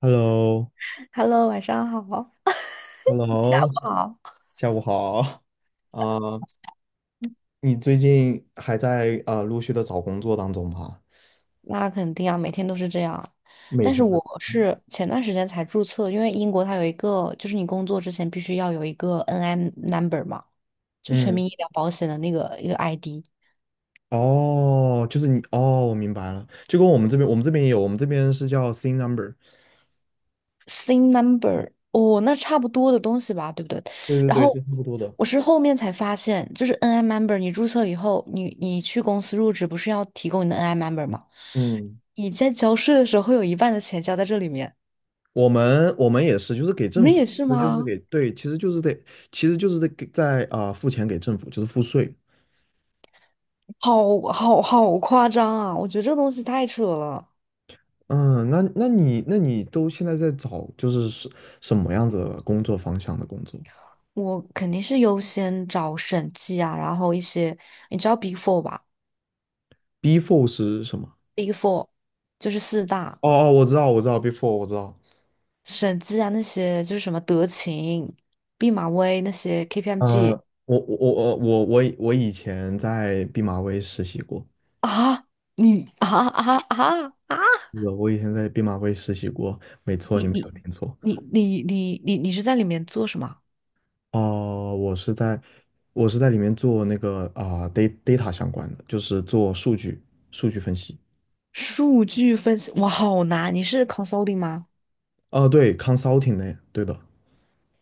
Hello，Hello，Hello，晚上好。不好，下午好。啊、你最近还在陆续的找工作当中吗？那肯定啊，每天都是这样。每但是天的。我是前段时间才注册，因为英国它有一个，就是你工作之前必须要有一个 NI number 嘛，就全嗯，民医疗保险的那个一个 ID。哦，就是你，哦，我明白了，就跟我们这边，我们这边也有，我们这边是叫 C number。SIN number，哦，那差不多的东西吧，对不对？对对然对，后是差不多的。我是后面才发现，就是 NI member，你注册以后，你去公司入职不是要提供你的 NI member 吗？嗯，你在交税的时候会有一半的钱交在这里面，我们也是，就是给你政们府，也是其实就是吗？给，对，其实就是得，其实就是在给在付钱给政府，就是付税。好好好夸张啊！我觉得这个东西太扯了，嗯，那你都现在在找就是什么样子的工作方向的工作？我肯定是优先找审计啊，然后一些你知道 Big Four 吧？Before 是什么？？Big Four 就是四大哦哦，我知道，我知道，before 我知道。审计啊，那些就是什么德勤、毕马威那些 呃，KPMG 我以前在毕马威实习过，啊，你啊啊啊啊！是的，我以前在毕马威实习过，没错，你你没你有听错。你是在里面做什么？哦、我是在我是在里面做那个data 相关的，就是做数据分析。数据分析，哇，好难！你是 consulting 吗哦、对，consulting 呢，对的，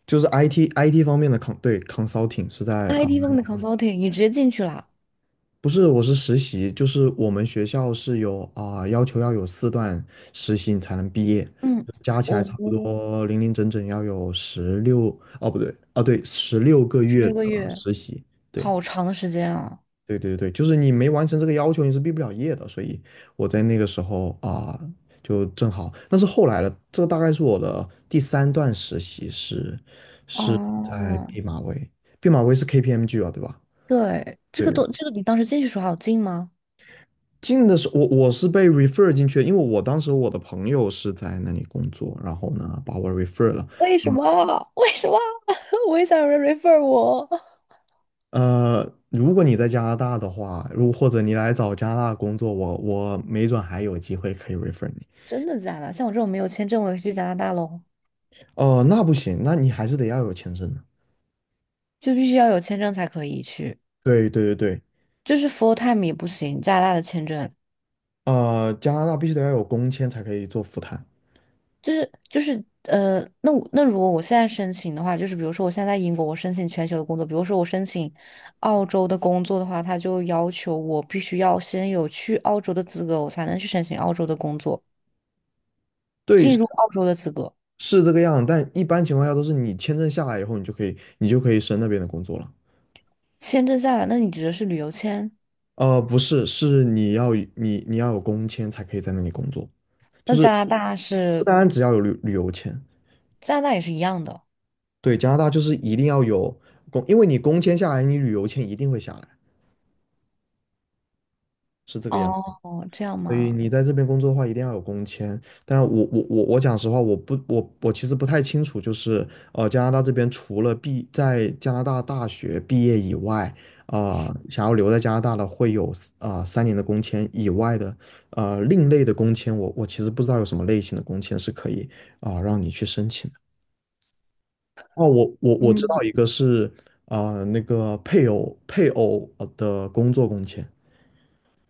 就是 IT 方面的 对， consulting 是在啊。？IT 方面的 consulting，你直接进去了啊。不是，我是实习，就是我们学校是有要求要有四段实习你才能毕业，嗯，加起来差不我多零零整整要有十六，哦不对，啊，对，16个月六个的月，实习，对好长的时间啊！对对对，就是你没完成这个要求你是毕不了业的，所以我在那个时候就正好，但是后来的这大概是我的第三段实习是在哦，毕马威，毕马威是 KPMG 啊，对吧？对，这个对。都，这个你当时进去的时候好有进吗？进的时候，我是被 refer 进去的，因为我当时我的朋友是在那里工作，然后呢把我 refer 了。为什么？为什么？我也想有人 refer 我。如果你在加拿大的话，或者你来找加拿大工作，我没准还有机会可以 refer 你。真的假的？像我这种没有签证，我也去加拿大喽，哦、那不行，那你还是得要有签证的。就必须要有签证才可以去，对对对对，就是 full time 也不行，加拿大的签证。加拿大必须得要有工签才可以做赴谈。就是那我那如果我现在申请的话，就是比如说我现在在英国，我申请全球的工作，比如说我申请澳洲的工作的话，他就要求我必须要先有去澳洲的资格，我才能去申请澳洲的工作，对，进入澳洲的资格。是这个样，但一般情况下都是你签证下来以后，你就可以升那边的工作了。签证下来，那你指的是旅游签？不是，是你要有工签才可以在那里工作，就那是加拿大不是单单只要有旅游签，加拿大也是一样的对，加拿大就是一定要有工，因为你工签下来，你旅游签一定会下来，是这个样。哦，这样所以吗？你在这边工作的话，一定要有工签。但我讲实话，我其实不太清楚，就是加拿大这边除了在加拿大大学毕业以外，想要留在加拿大的会有三年的工签以外的另类的工签，我其实不知道有什么类型的工签是可以让你去申请的。哦，我知道一个是那个配偶的工作工签，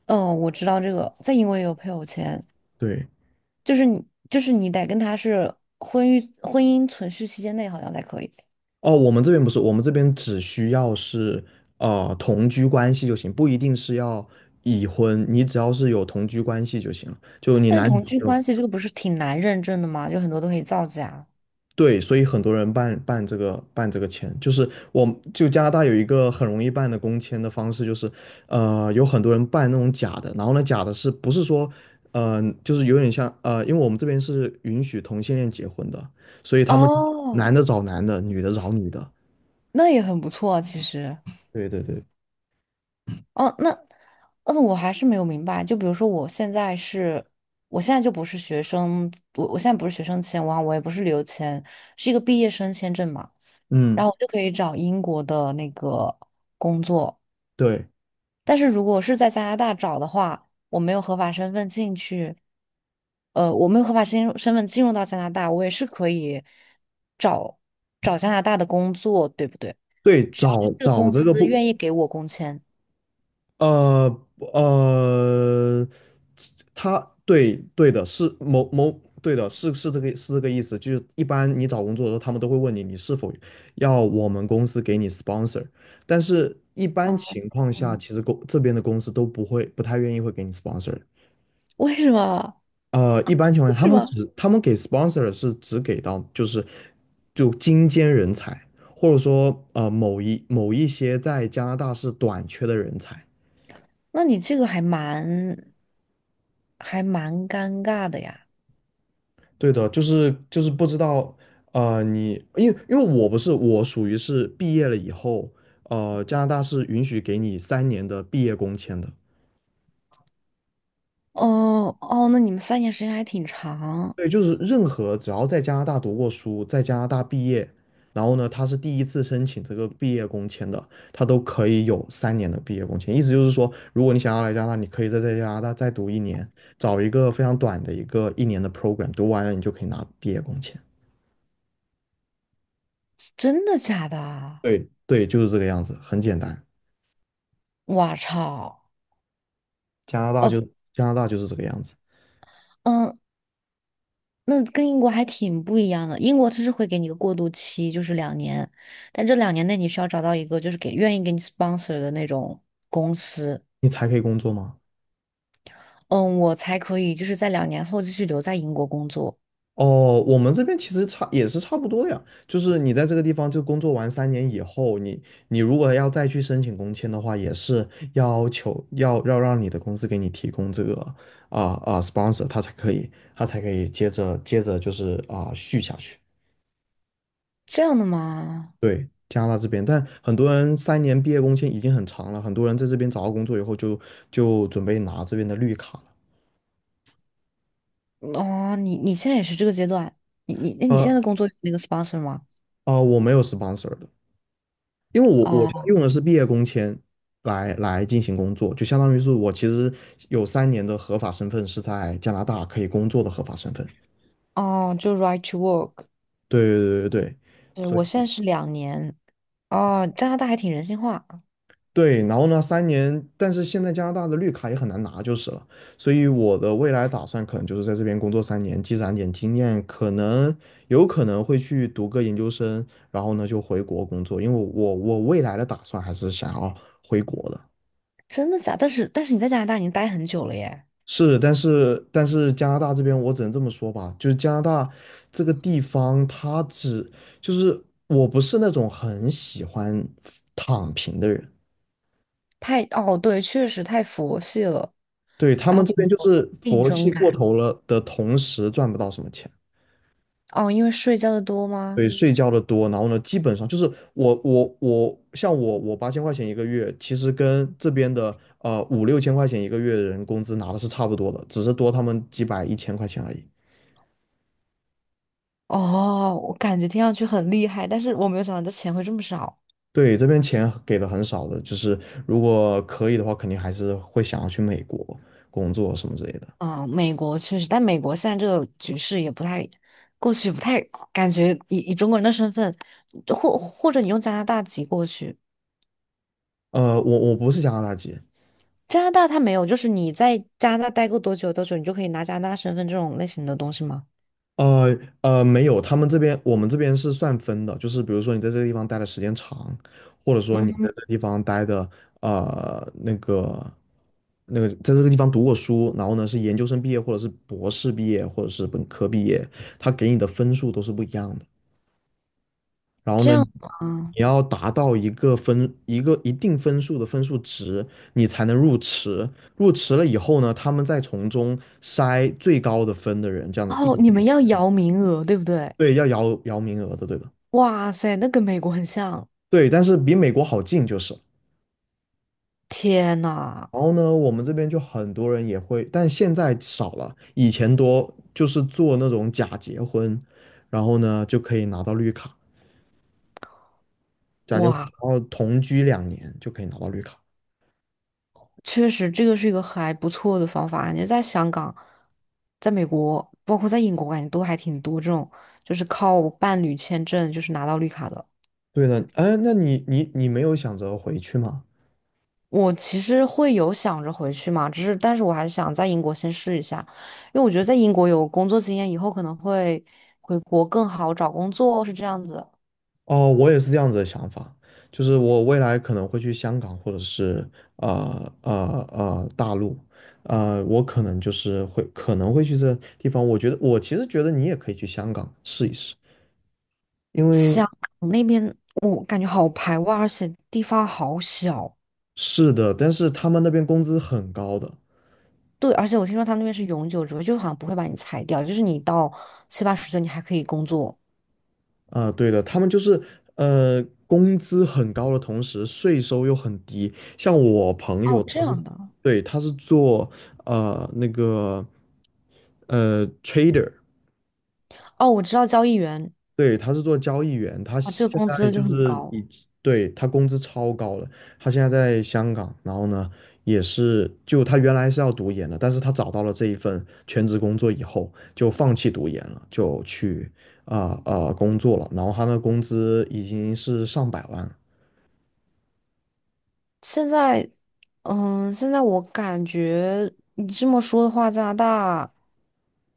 嗯，我知道这个，在英国也有配偶签，对。就是你得跟他是婚育婚姻存续期间内好像才可以。哦，我们这边不是，我们这边只需要是同居关系就行，不一定是要已婚，你只要是有同居关系就行了。就你但是男女同朋居友，关系这个不是挺难认证的吗？就很多都可以造假。对，所以很多人办这个签，就是我就加拿大有一个很容易办的工签的方式，就是有很多人办那种假的，然后呢假的是不是说就是有点像，因为我们这边是允许同性恋结婚的，所以他们男哦，的找男的，女的找女的，那也很不错啊，其实。对对对，哦，那，嗯，我还是没有明白。就比如说，我现在是，我现在就不是学生，我现在不是学生签，我也不是旅游签，是一个毕业生签证嘛。然嗯。后我就可以找英国的那个工作，对。但是如果是在加拿大找的话，我没有合法身份进去，我没有合法身身份进入到加拿大，我也是可以找加拿大的工作，对不对？对，只要他找这个找公这个司不，愿意给我工签。呃呃，他对对的，是某某对的，是这个意思，就是一般你找工作的时候，他们都会问你是否要我们公司给你 sponsor，但是一般啊，情况下，嗯，其实这边的公司都不会不太愿意会给你 sponsor，为什么？一般情况为下，他什们么？只他们给 sponsor 是只给到就是精尖人才，或者说某一些在加拿大是短缺的人才。那你这个还蛮尴尬的呀。对的，就是不知道你，因为我不是我属于是毕业了以后，加拿大是允许给你三年的毕业工签的。哦哦，那你们三年时间还挺长，对，就是任何只要在加拿大读过书，在加拿大毕业，然后呢，他是第一次申请这个毕业工签的，他都可以有三年的毕业工签。意思就是说，如果你想要来加拿大，你可以在加拿大再读一年，找一个非常短的一个一年的 program，读完了你就可以拿毕业工签。真的假的啊？对对，就是这个样子，很简单。我操！加拿大哦，就是这个样子，嗯，那跟英国还挺不一样的。英国它是会给你一个过渡期，就是两年，但这两年内你需要找到一个就是给愿意给你 sponsor 的那种公司，你才可以工作吗？嗯，我才可以就是在两年后继续留在英国工作。哦，我们这边其实差也是差不多的呀，就是你在这个地方就工作完三年以后，你如果要再去申请工签的话，也是要求要让你的公司给你提供这个sponsor，他才可以接着就是续下去。这样的吗？对，加拿大这边，但很多人三年毕业工签已经很长了，很多人在这边找到工作以后就准备拿这边的绿卡了。哦，你你现在也是这个阶段，那你现呃在的工作有那个 sponsor 吗？我没有 sponsor 的，因为我现在哦用的是毕业工签来进行工作，就相当于是我其实有三年的合法身份是在加拿大可以工作的合法身份。哦，就 right to work。对对对对对，对，所我现在以是两年。哦，加拿大还挺人性化，对，然后呢，三年，但是现在加拿大的绿卡也很难拿就是了，所以我的未来打算可能就是在这边工作三年，积攒点经验，可能有可能会去读个研究生，然后呢就回国工作，因为我未来的打算还是想要回国的。真的假但是你在加拿大已经待很久了耶，是，但是加拿大这边我只能这么说吧，就是加拿大这个地方，他只就是我不是那种很喜欢躺平的人，太哦对，确实太佛系了。对，他然们后这边就有是竞佛争系过感头了的同时赚不到什么钱，哦，因为睡觉的多吗？对，睡觉的多，然后呢，基本上就是我像我8000块钱一个月，其实跟这边的五六千块钱一个月的人工资拿的是差不多的，只是多他们几百一千块钱而已。哦，我感觉听上去很厉害，但是我没有想到这钱会这么少。对，这边钱给的很少的，就是如果可以的话，肯定还是会想要去美国工作什么之类的。美国确实，但美国现在这个局势也不太，过去不太感觉以中国人的身份，或者你用加拿大籍过去，我不是加拿大籍，加拿大它没有，就是你在加拿大待过多久多久，你就可以拿加拿大身份这种类型的东西吗？呃没有，他们这边我们这边是算分的，就是比如说你在这个地方待的时间长，或者说你在嗯，这个地方待的呃那个在这个地方读过书，然后呢是研究生毕业，或者是博士毕业，或者是本科毕业，他给你的分数都是不一样的。然后这呢，你样吗？要达到一个一定分数的分数值，你才能入池。入池了以后呢，他们再从中筛最高的分的人，这样的一哦，点你一们点点，要摇名额，对不对？对，要摇摇名额的，对的，哇塞，那跟美国很像，对。但是比美国好进就是。天呐！然后呢，我们这边就很多人也会，但现在少了，以前多，就是做那种假结婚，然后呢就可以拿到绿卡，假结婚，哇，然后同居2年就可以拿到绿卡。确实，这个是一个还不错的方法。感觉在香港、在美国，包括在英国，感觉都还挺多这种，就是靠伴侣签证就是拿到绿卡的。对的，哎，那你没有想着回去吗？我其实会有想着回去嘛，只是但是我还是想在英国先试一下，因为我觉得在英国有工作经验，以后可能会回国更好找工作，是这样子。哦，我也是这样子的想法，就是我未来可能会去香港或者是呃呃大陆，我可能会去这地方。我觉得其实觉得你也可以去香港试一试，因为香港那边我感觉好排外，而且地方好小。是的，但是他们那边工资很高的，对，而且我听说他们那边是永久职位，就好像不会把你裁掉，就是你到七八十岁你还可以工作。啊，对的，他们就是工资很高的同时，税收又很低。像我朋友，哦，这他是，样的。对，他是做呃那个trader，哦，我知道交易员对，他是做交易员，他啊，这现个工在资就就很是高。以，对，他工资超高了，他现在在香港，然后呢，也是就他原来是要读研的，但是他找到了这一份全职工作以后，就放弃读研了，就去工作了，然后他的工资已经是上百万了，现在，嗯，现在我感觉你这么说的话，加拿大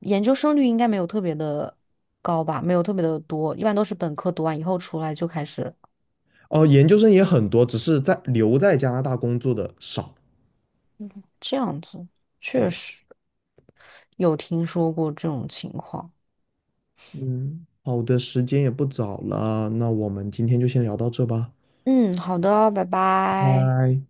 研究生率应该没有特别的高吧，没有特别的多，一般都是本科读完以后出来就开始哦、研究生也很多，只是留在加拿大工作的少。这样子。确对，实有听说过这种情况。嗯，好的，时间也不早了，那我们今天就先聊到这吧，嗯，好的，拜拜。拜。